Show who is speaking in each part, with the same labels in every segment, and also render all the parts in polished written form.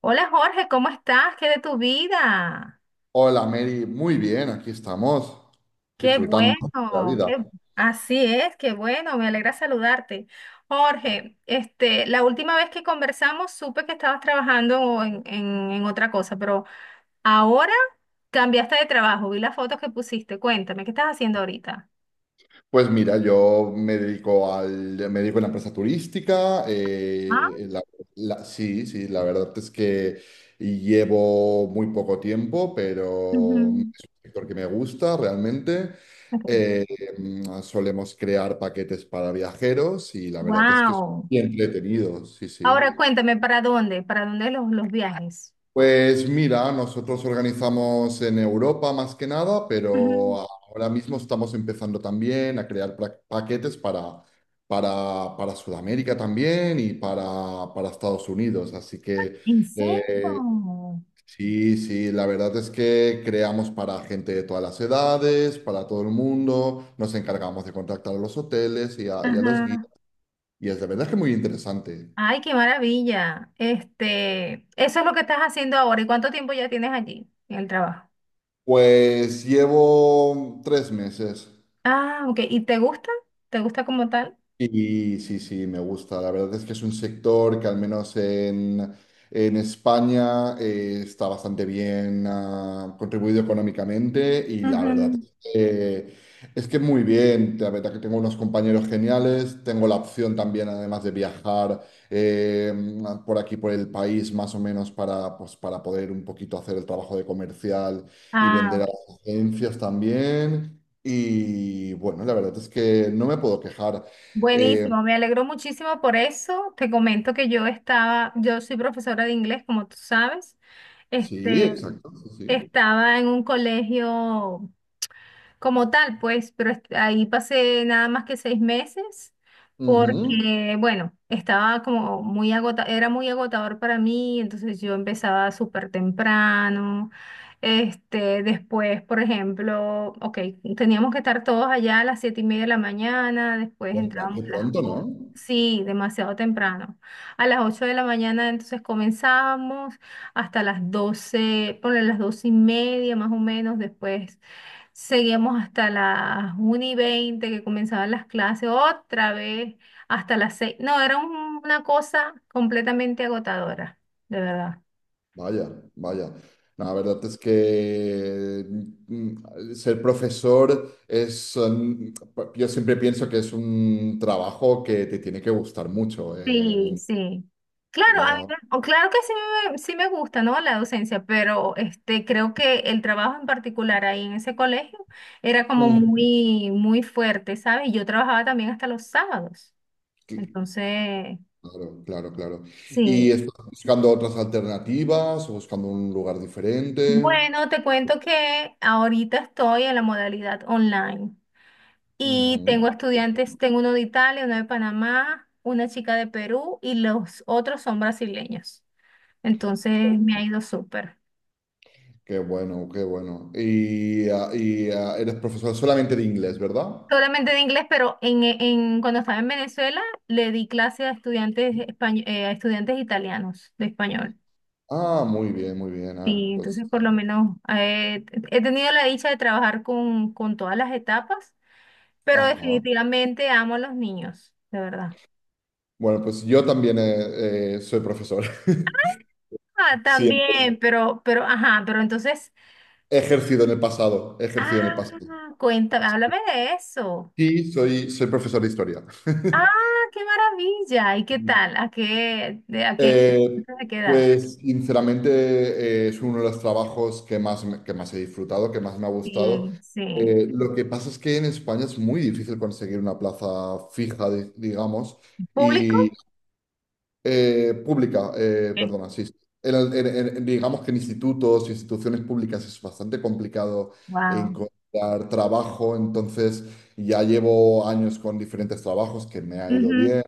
Speaker 1: Hola Jorge, ¿cómo estás? ¿Qué de tu vida?
Speaker 2: Hola Mary, muy bien, aquí estamos
Speaker 1: Qué
Speaker 2: disfrutando de la
Speaker 1: bueno,
Speaker 2: vida.
Speaker 1: así es, qué bueno, me alegra saludarte. Jorge, la última vez que conversamos supe que estabas trabajando en otra cosa, pero ahora cambiaste de trabajo, vi las fotos que pusiste, cuéntame, ¿qué estás haciendo ahorita?
Speaker 2: Pues mira, yo me dedico al, me dedico a una empresa turística.
Speaker 1: Ah,
Speaker 2: Sí, sí, la verdad es que llevo muy poco tiempo, pero es un
Speaker 1: ujú,
Speaker 2: sector que me gusta realmente.
Speaker 1: ok.
Speaker 2: Eh, Solemos crear paquetes para viajeros y la verdad es que es
Speaker 1: Wow.
Speaker 2: muy entretenido, sí, sí.
Speaker 1: Ahora cuéntame, ¿para dónde? ¿Para dónde los viajes?
Speaker 2: Pues mira, nosotros organizamos en Europa más que nada, pero
Speaker 1: Ujú.
Speaker 2: ahora mismo estamos empezando también a crear paquetes para Sudamérica también y para Estados Unidos. Así que
Speaker 1: ¿En
Speaker 2: eh,
Speaker 1: serio?
Speaker 2: sí, sí, la verdad es que creamos para gente de todas las edades, para todo el mundo, nos encargamos de contactar a los hoteles y a los guías.
Speaker 1: Ajá.
Speaker 2: Y es de verdad que muy interesante.
Speaker 1: Ay, qué maravilla. Este, eso es lo que estás haciendo ahora. ¿Y cuánto tiempo ya tienes allí en el trabajo?
Speaker 2: Pues llevo tres meses.
Speaker 1: Ah, ok. ¿Y te gusta? ¿Te gusta como tal?
Speaker 2: Y sí, sí, me gusta. La verdad es que es un sector que al menos en España está bastante bien contribuido económicamente y la verdad
Speaker 1: Ujú.
Speaker 2: es que es que muy bien. La verdad que tengo unos compañeros geniales. Tengo la opción también, además de viajar eh, por aquí, por el país, más o menos para poder un poquito hacer el trabajo de comercial y
Speaker 1: Ah,
Speaker 2: vender a
Speaker 1: ok.
Speaker 2: las agencias también. Y bueno, la verdad es que no me puedo quejar. Eh,
Speaker 1: Buenísimo. Me alegro muchísimo por eso. Te comento que yo estaba, yo soy profesora de inglés, como tú sabes.
Speaker 2: sí,
Speaker 1: Este,
Speaker 2: exacto, sí, sí.
Speaker 1: estaba en un colegio como tal, pues, pero ahí pasé nada más que seis meses
Speaker 2: Ujú.
Speaker 1: porque, bueno, estaba como muy era muy agotador para mí, entonces yo empezaba súper temprano. Este, después, por ejemplo, ok, teníamos que estar todos allá a las siete y media de la mañana, después
Speaker 2: Y en plan,
Speaker 1: entrábamos
Speaker 2: qué
Speaker 1: a las
Speaker 2: pronto, ¿no?
Speaker 1: ocho. Sí, demasiado temprano. A las 8 de la mañana entonces comenzábamos hasta las doce, ponle las 12 y media más o menos, después seguimos hasta las 1 y veinte, que comenzaban las clases, otra vez hasta las seis. No, era una cosa completamente agotadora, de verdad.
Speaker 2: Vaya, vaya. No, la verdad es que ser profesor es, yo siempre pienso que es un trabajo que te tiene que gustar mucho.
Speaker 1: Sí, sí. Claro, a
Speaker 2: Yo,
Speaker 1: o claro que sí sí me gusta, ¿no? La docencia, pero este, creo que el trabajo en particular ahí en ese colegio era como
Speaker 2: mm,
Speaker 1: muy, muy fuerte, ¿sabes? Yo trabajaba también hasta los sábados.
Speaker 2: que-
Speaker 1: Entonces,
Speaker 2: claro, claro, claro. ¿Y
Speaker 1: sí.
Speaker 2: estás buscando otras alternativas o buscando un lugar diferente?
Speaker 1: Bueno, te cuento que ahorita estoy en la modalidad online y tengo estudiantes, tengo uno de Italia, uno de Panamá, una chica de Perú y los otros son brasileños. Entonces me ha ido súper.
Speaker 2: Qué bueno, qué bueno. ¿Eres profesor solamente de inglés, verdad?
Speaker 1: Solamente de inglés, pero cuando estaba en Venezuela le di clase a estudiantes, a estudiantes italianos de español.
Speaker 2: Ah, muy bien, muy bien.
Speaker 1: Sí, entonces por lo menos he tenido la dicha de trabajar con todas las etapas, pero
Speaker 2: Ajá.
Speaker 1: definitivamente amo a los niños, de verdad.
Speaker 2: Bueno, pues yo también soy profesor.
Speaker 1: Ah,
Speaker 2: Sí,
Speaker 1: también, pero, ajá, pero entonces,
Speaker 2: he ejercido en el pasado, he ejercido en
Speaker 1: ah,
Speaker 2: el pasado.
Speaker 1: cuéntame, háblame de eso.
Speaker 2: Sí, soy profesor de historia.
Speaker 1: Ah, qué maravilla. ¿Y qué tal? A qué,
Speaker 2: Eh,
Speaker 1: de qué edad?
Speaker 2: pues sinceramente es uno de los trabajos que más, que más he disfrutado, que más me ha gustado.
Speaker 1: Sí, sí.
Speaker 2: Lo que pasa es que en España es muy difícil conseguir una plaza fija, digamos,
Speaker 1: ¿Público?
Speaker 2: pública,
Speaker 1: Sí.
Speaker 2: perdona, sí. Sí. En digamos que en institutos, instituciones públicas es bastante complicado
Speaker 1: Wow.
Speaker 2: encontrar trabajo, entonces ya llevo años con diferentes trabajos que me ha ido
Speaker 1: Ujú,
Speaker 2: bien,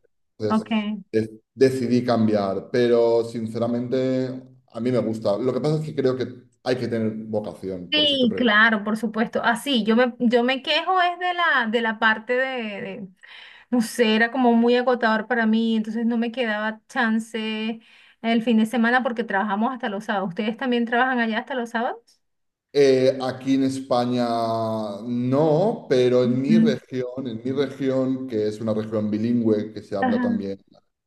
Speaker 1: ok.
Speaker 2: entonces decidí cambiar, pero sinceramente a mí me gusta. Lo que pasa es que creo que hay que tener vocación, por eso te
Speaker 1: Sí,
Speaker 2: pregunto.
Speaker 1: claro, por supuesto. Así, yo me quejo es de la parte no sé, era como muy agotador para mí, entonces no me quedaba chance el fin de semana porque trabajamos hasta los sábados. ¿Ustedes también trabajan allá hasta los sábados?
Speaker 2: Aquí en España no, pero
Speaker 1: Ujú.
Speaker 2: en mi región, que es una región bilingüe, que se habla
Speaker 1: Ajá.
Speaker 2: también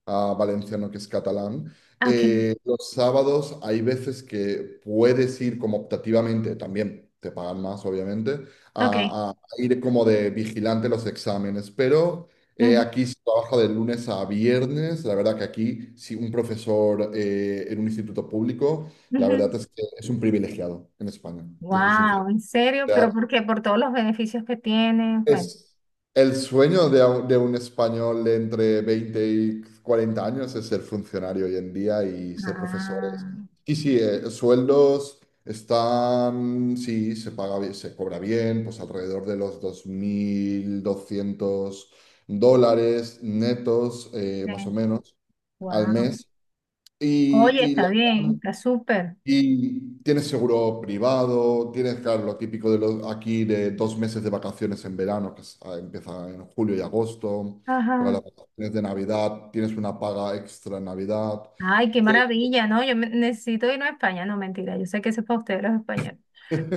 Speaker 2: valenciano, que es catalán,
Speaker 1: Ah, ok,
Speaker 2: los sábados hay veces que puedes ir como optativamente, también te pagan más, obviamente,
Speaker 1: ok.
Speaker 2: a ir como de vigilante los exámenes, pero aquí se trabaja de lunes a viernes, la verdad que aquí, si un profesor en un instituto público la verdad es que es un privilegiado en España, te soy sincero.
Speaker 1: Wow, ¿en
Speaker 2: O
Speaker 1: serio?
Speaker 2: sea,
Speaker 1: ¿Pero por qué? Por todos los beneficios que tiene. Bueno.
Speaker 2: es el sueño de, de un español de entre 20 y 40 años es ser funcionario hoy en día y ser
Speaker 1: Ah,
Speaker 2: profesores. Y sí, sueldos están, sí, se paga bien, se cobra bien, pues alrededor de los 2.200 dólares netos, más o menos, al
Speaker 1: wow.
Speaker 2: mes.
Speaker 1: Oye,
Speaker 2: Y, y
Speaker 1: está
Speaker 2: la,
Speaker 1: bien, está súper.
Speaker 2: Y tienes seguro privado, tienes, claro, lo típico de los, aquí de dos meses de vacaciones en verano, empieza en julio y agosto. Luego
Speaker 1: Ajá.
Speaker 2: las vacaciones de Navidad, tienes una paga extra en Navidad.
Speaker 1: Ay, qué
Speaker 2: Eh,
Speaker 1: maravilla, ¿no? Yo necesito irme a España, no mentira, yo sé que eso es para ustedes los españoles.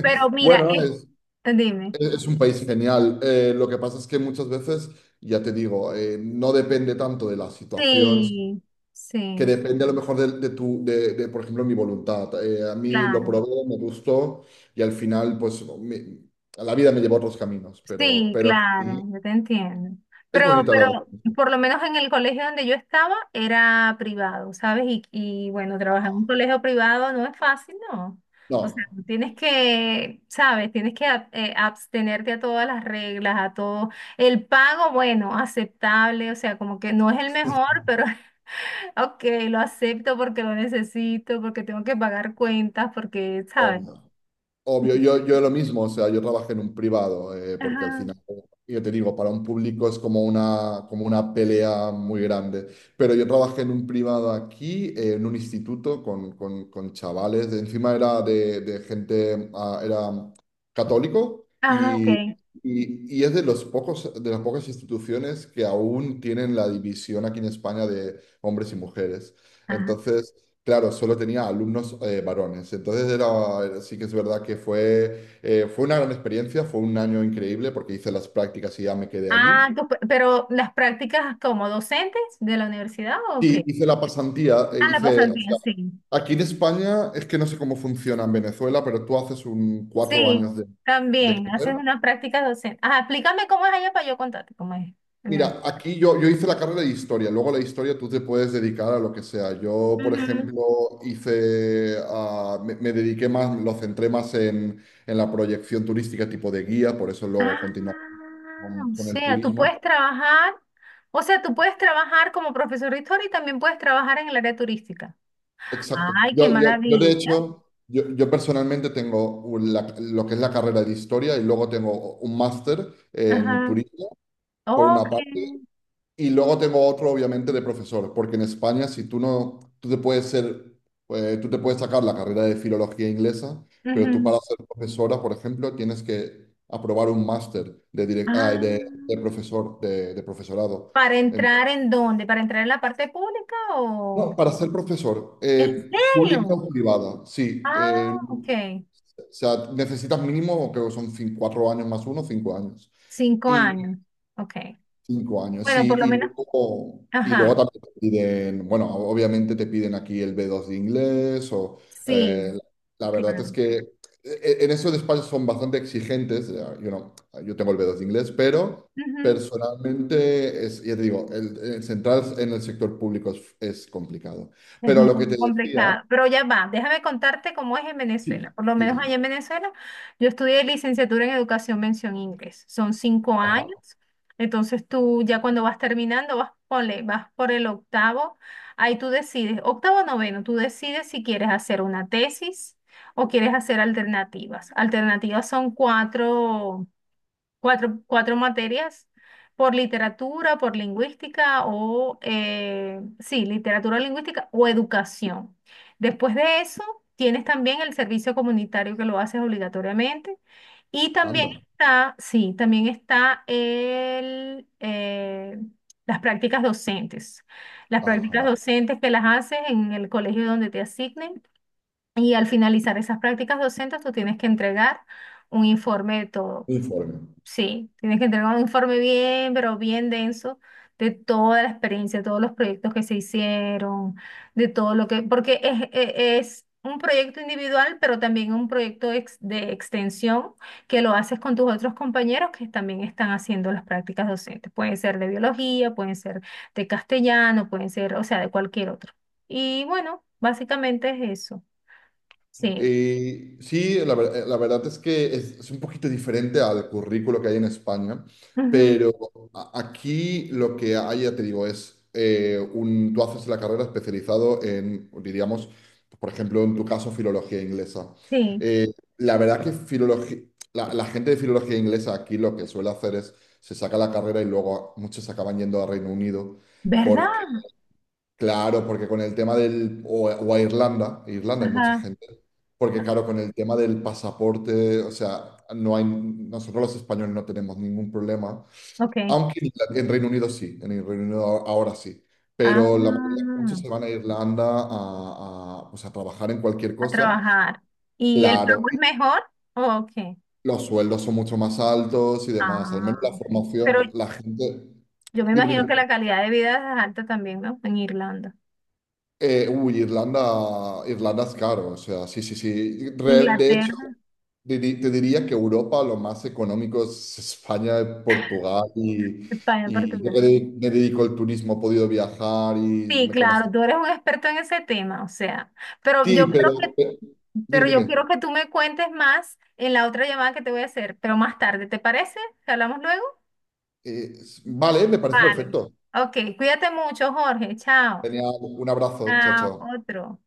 Speaker 1: Pero mira,
Speaker 2: Bueno, es,
Speaker 1: dime,
Speaker 2: es un país genial. Lo que pasa es que muchas veces, ya te digo, no depende tanto de la situación.
Speaker 1: sí,
Speaker 2: Que
Speaker 1: sí,
Speaker 2: depende a lo mejor de tu, de, por ejemplo, mi voluntad. A mí lo
Speaker 1: claro.
Speaker 2: probé, me gustó y al final, pues, la vida me llevó a otros caminos, pero,
Speaker 1: Sí,
Speaker 2: pero
Speaker 1: claro,
Speaker 2: sí,
Speaker 1: yo te entiendo.
Speaker 2: es bonito lo.
Speaker 1: Pero por lo menos en el colegio donde yo estaba era privado, ¿sabes? Y bueno, trabajar en un colegio privado no es fácil, ¿no? O sea,
Speaker 2: No,
Speaker 1: tú tienes que, ¿sabes? Tienes que abstenerte a todas las reglas, a todo. El pago, bueno, aceptable, o sea, como que no es el mejor, pero ok, lo acepto porque lo necesito, porque tengo que pagar cuentas, porque, ¿sabes?
Speaker 2: obvio. Obvio, yo lo mismo, o sea, yo trabajé en un privado, porque al
Speaker 1: Ajá.
Speaker 2: final, yo te digo, para un público es como una pelea muy grande, pero yo trabajé en un privado aquí, en un instituto con chavales, encima era de gente, era católico
Speaker 1: Ah, ok.
Speaker 2: y es de los pocos, de las pocas instituciones que aún tienen la división aquí en España de hombres y mujeres.
Speaker 1: Ah.
Speaker 2: Entonces. Claro, solo tenía alumnos varones. Entonces era, sí que es verdad que fue, fue una gran experiencia, fue un año increíble porque hice las prácticas y ya me quedé
Speaker 1: Ah,
Speaker 2: allí.
Speaker 1: pero las prácticas como docentes de la universidad, ¿o qué?
Speaker 2: Y hice la pasantía,
Speaker 1: Ah, la pasó al
Speaker 2: o
Speaker 1: bien,
Speaker 2: sea,
Speaker 1: sí.
Speaker 2: aquí en España es que no sé cómo funciona en Venezuela, pero tú haces un cuatro
Speaker 1: Sí,
Speaker 2: años de
Speaker 1: también haces
Speaker 2: carrera.
Speaker 1: unas prácticas docentes. Ah, explícame cómo es allá para yo contarte cómo es en Venezuela.
Speaker 2: Mira, aquí yo, hice la carrera de historia, luego la historia tú te puedes dedicar a lo que sea. Yo, por
Speaker 1: Ujú.
Speaker 2: ejemplo, hice, me dediqué más, lo centré más en la proyección turística tipo de guía, por eso
Speaker 1: Ah,
Speaker 2: luego continué
Speaker 1: o
Speaker 2: con el
Speaker 1: sea, tú
Speaker 2: turismo.
Speaker 1: puedes trabajar, o sea, tú puedes trabajar como profesor de historia y también puedes trabajar en el área turística.
Speaker 2: Exacto.
Speaker 1: Ay, qué
Speaker 2: De
Speaker 1: maravilla.
Speaker 2: hecho, yo personalmente tengo lo que es la carrera de historia y luego tengo un máster en
Speaker 1: Ajá.
Speaker 2: turismo, por una parte.
Speaker 1: Ok.
Speaker 2: Y luego tengo otro, obviamente, de profesor, porque en España, si tú no, tú te puedes ser, tú te puedes sacar la carrera de filología inglesa, pero tú
Speaker 1: Ujú.
Speaker 2: para ser profesora, por ejemplo, tienes que aprobar un máster de
Speaker 1: Ah,
Speaker 2: profesor, de profesorado.
Speaker 1: ¿para
Speaker 2: En-
Speaker 1: entrar en dónde? ¿Para entrar en la parte pública o...?
Speaker 2: no, para ser profesor,
Speaker 1: ¿En
Speaker 2: pública
Speaker 1: serio?
Speaker 2: o privada, sí.
Speaker 1: Ah, ok.
Speaker 2: O sea, necesitas mínimo, creo que son cuatro años más uno, cinco años.
Speaker 1: Cinco años. Ok.
Speaker 2: Cinco años,
Speaker 1: Bueno, por
Speaker 2: sí,
Speaker 1: lo menos.
Speaker 2: y luego
Speaker 1: Ajá.
Speaker 2: también te piden, bueno, obviamente te piden aquí el B2 de inglés o
Speaker 1: Sí,
Speaker 2: eh, la verdad es
Speaker 1: claro.
Speaker 2: que en esos despachos son bastante exigentes, yo no, yo tengo el B2 de inglés, pero
Speaker 1: Ujú.
Speaker 2: personalmente, es, ya te digo, el centrar en el sector público es, complicado.
Speaker 1: Es
Speaker 2: Pero lo que
Speaker 1: muy
Speaker 2: te decía,
Speaker 1: complicado, pero ya va, déjame contarte cómo es en Venezuela.
Speaker 2: sí,
Speaker 1: Por lo menos allá
Speaker 2: sí,
Speaker 1: en Venezuela, yo estudié licenciatura en educación mención inglés. Son cinco
Speaker 2: ajá,
Speaker 1: años. Entonces tú ya cuando vas terminando, vas, ponle, vas por el octavo, ahí tú decides, octavo o noveno, tú decides si quieres hacer una tesis o quieres hacer alternativas. Alternativas son cuatro materias por literatura, por lingüística o, sí, literatura, lingüística o educación. Después de eso, tienes también el servicio comunitario que lo haces obligatoriamente y también
Speaker 2: anda,
Speaker 1: está, sí, también está el, las prácticas docentes. Las prácticas
Speaker 2: ajá,
Speaker 1: docentes que las haces en el colegio donde te asignen y al finalizar esas prácticas docentes, tú tienes que entregar un informe de todo.
Speaker 2: informe.
Speaker 1: Sí, tienes que entregar un informe bien, pero bien denso de toda la experiencia, todos los proyectos que se hicieron, de todo lo que, porque es un proyecto individual, pero también un proyecto de extensión que lo haces con tus otros compañeros que también están haciendo las prácticas docentes. Pueden ser de biología, pueden ser de castellano, pueden ser, o sea, de cualquier otro. Y bueno, básicamente es eso. Sí.
Speaker 2: Sí, la verdad es que es, un poquito diferente al currículo que hay en España,
Speaker 1: Ujú,
Speaker 2: pero aquí lo que hay, ya te digo, es tú haces la carrera especializado en, diríamos, por ejemplo, en tu caso, filología inglesa.
Speaker 1: sí.
Speaker 2: Eh, la verdad que filología, la gente de filología inglesa aquí lo que suele hacer es, se saca la carrera y luego muchos acaban yendo a Reino Unido.
Speaker 1: ¿Verdad?
Speaker 2: Claro, porque con el tema del, o a Irlanda, Irlanda hay mucha
Speaker 1: Ajá.
Speaker 2: gente, porque claro, con el tema del pasaporte, o sea, no hay, nosotros los españoles no tenemos ningún problema,
Speaker 1: Ok.
Speaker 2: aunque en, en Reino Unido sí, en el Reino Unido ahora, ahora sí,
Speaker 1: Ah,
Speaker 2: pero la mayoría, muchos se van a Irlanda pues, a trabajar en cualquier
Speaker 1: a
Speaker 2: cosa,
Speaker 1: trabajar. ¿Y el
Speaker 2: claro,
Speaker 1: pago
Speaker 2: y
Speaker 1: es mejor? Ok.
Speaker 2: los sueldos son mucho más altos y demás, al
Speaker 1: Ah,
Speaker 2: menos la
Speaker 1: ok. Pero
Speaker 2: formación, la gente,
Speaker 1: yo me
Speaker 2: dime,
Speaker 1: imagino que
Speaker 2: dime.
Speaker 1: la calidad de vida es alta también, ¿no? En Irlanda.
Speaker 2: Uy, Irlanda, Irlanda es caro, o sea, sí, sí, sí. De hecho,
Speaker 1: Inglaterra,
Speaker 2: te diría que Europa lo más económico es España, Portugal
Speaker 1: España,
Speaker 2: y yo que
Speaker 1: Portugal.
Speaker 2: me dedico al turismo, he podido viajar y
Speaker 1: Sí,
Speaker 2: me
Speaker 1: claro,
Speaker 2: conozco.
Speaker 1: tú eres un experto en ese tema, o sea, pero yo
Speaker 2: Sí,
Speaker 1: creo que,
Speaker 2: dime,
Speaker 1: pero yo
Speaker 2: dime.
Speaker 1: quiero que tú me cuentes más en la otra llamada que te voy a hacer, pero más tarde, ¿te parece? ¿Que hablamos luego?
Speaker 2: Eh, vale, me parece
Speaker 1: Vale.
Speaker 2: perfecto.
Speaker 1: Ok, cuídate mucho, Jorge. Chao.
Speaker 2: Tenía un abrazo, chao,
Speaker 1: Chao,
Speaker 2: chao.
Speaker 1: otro.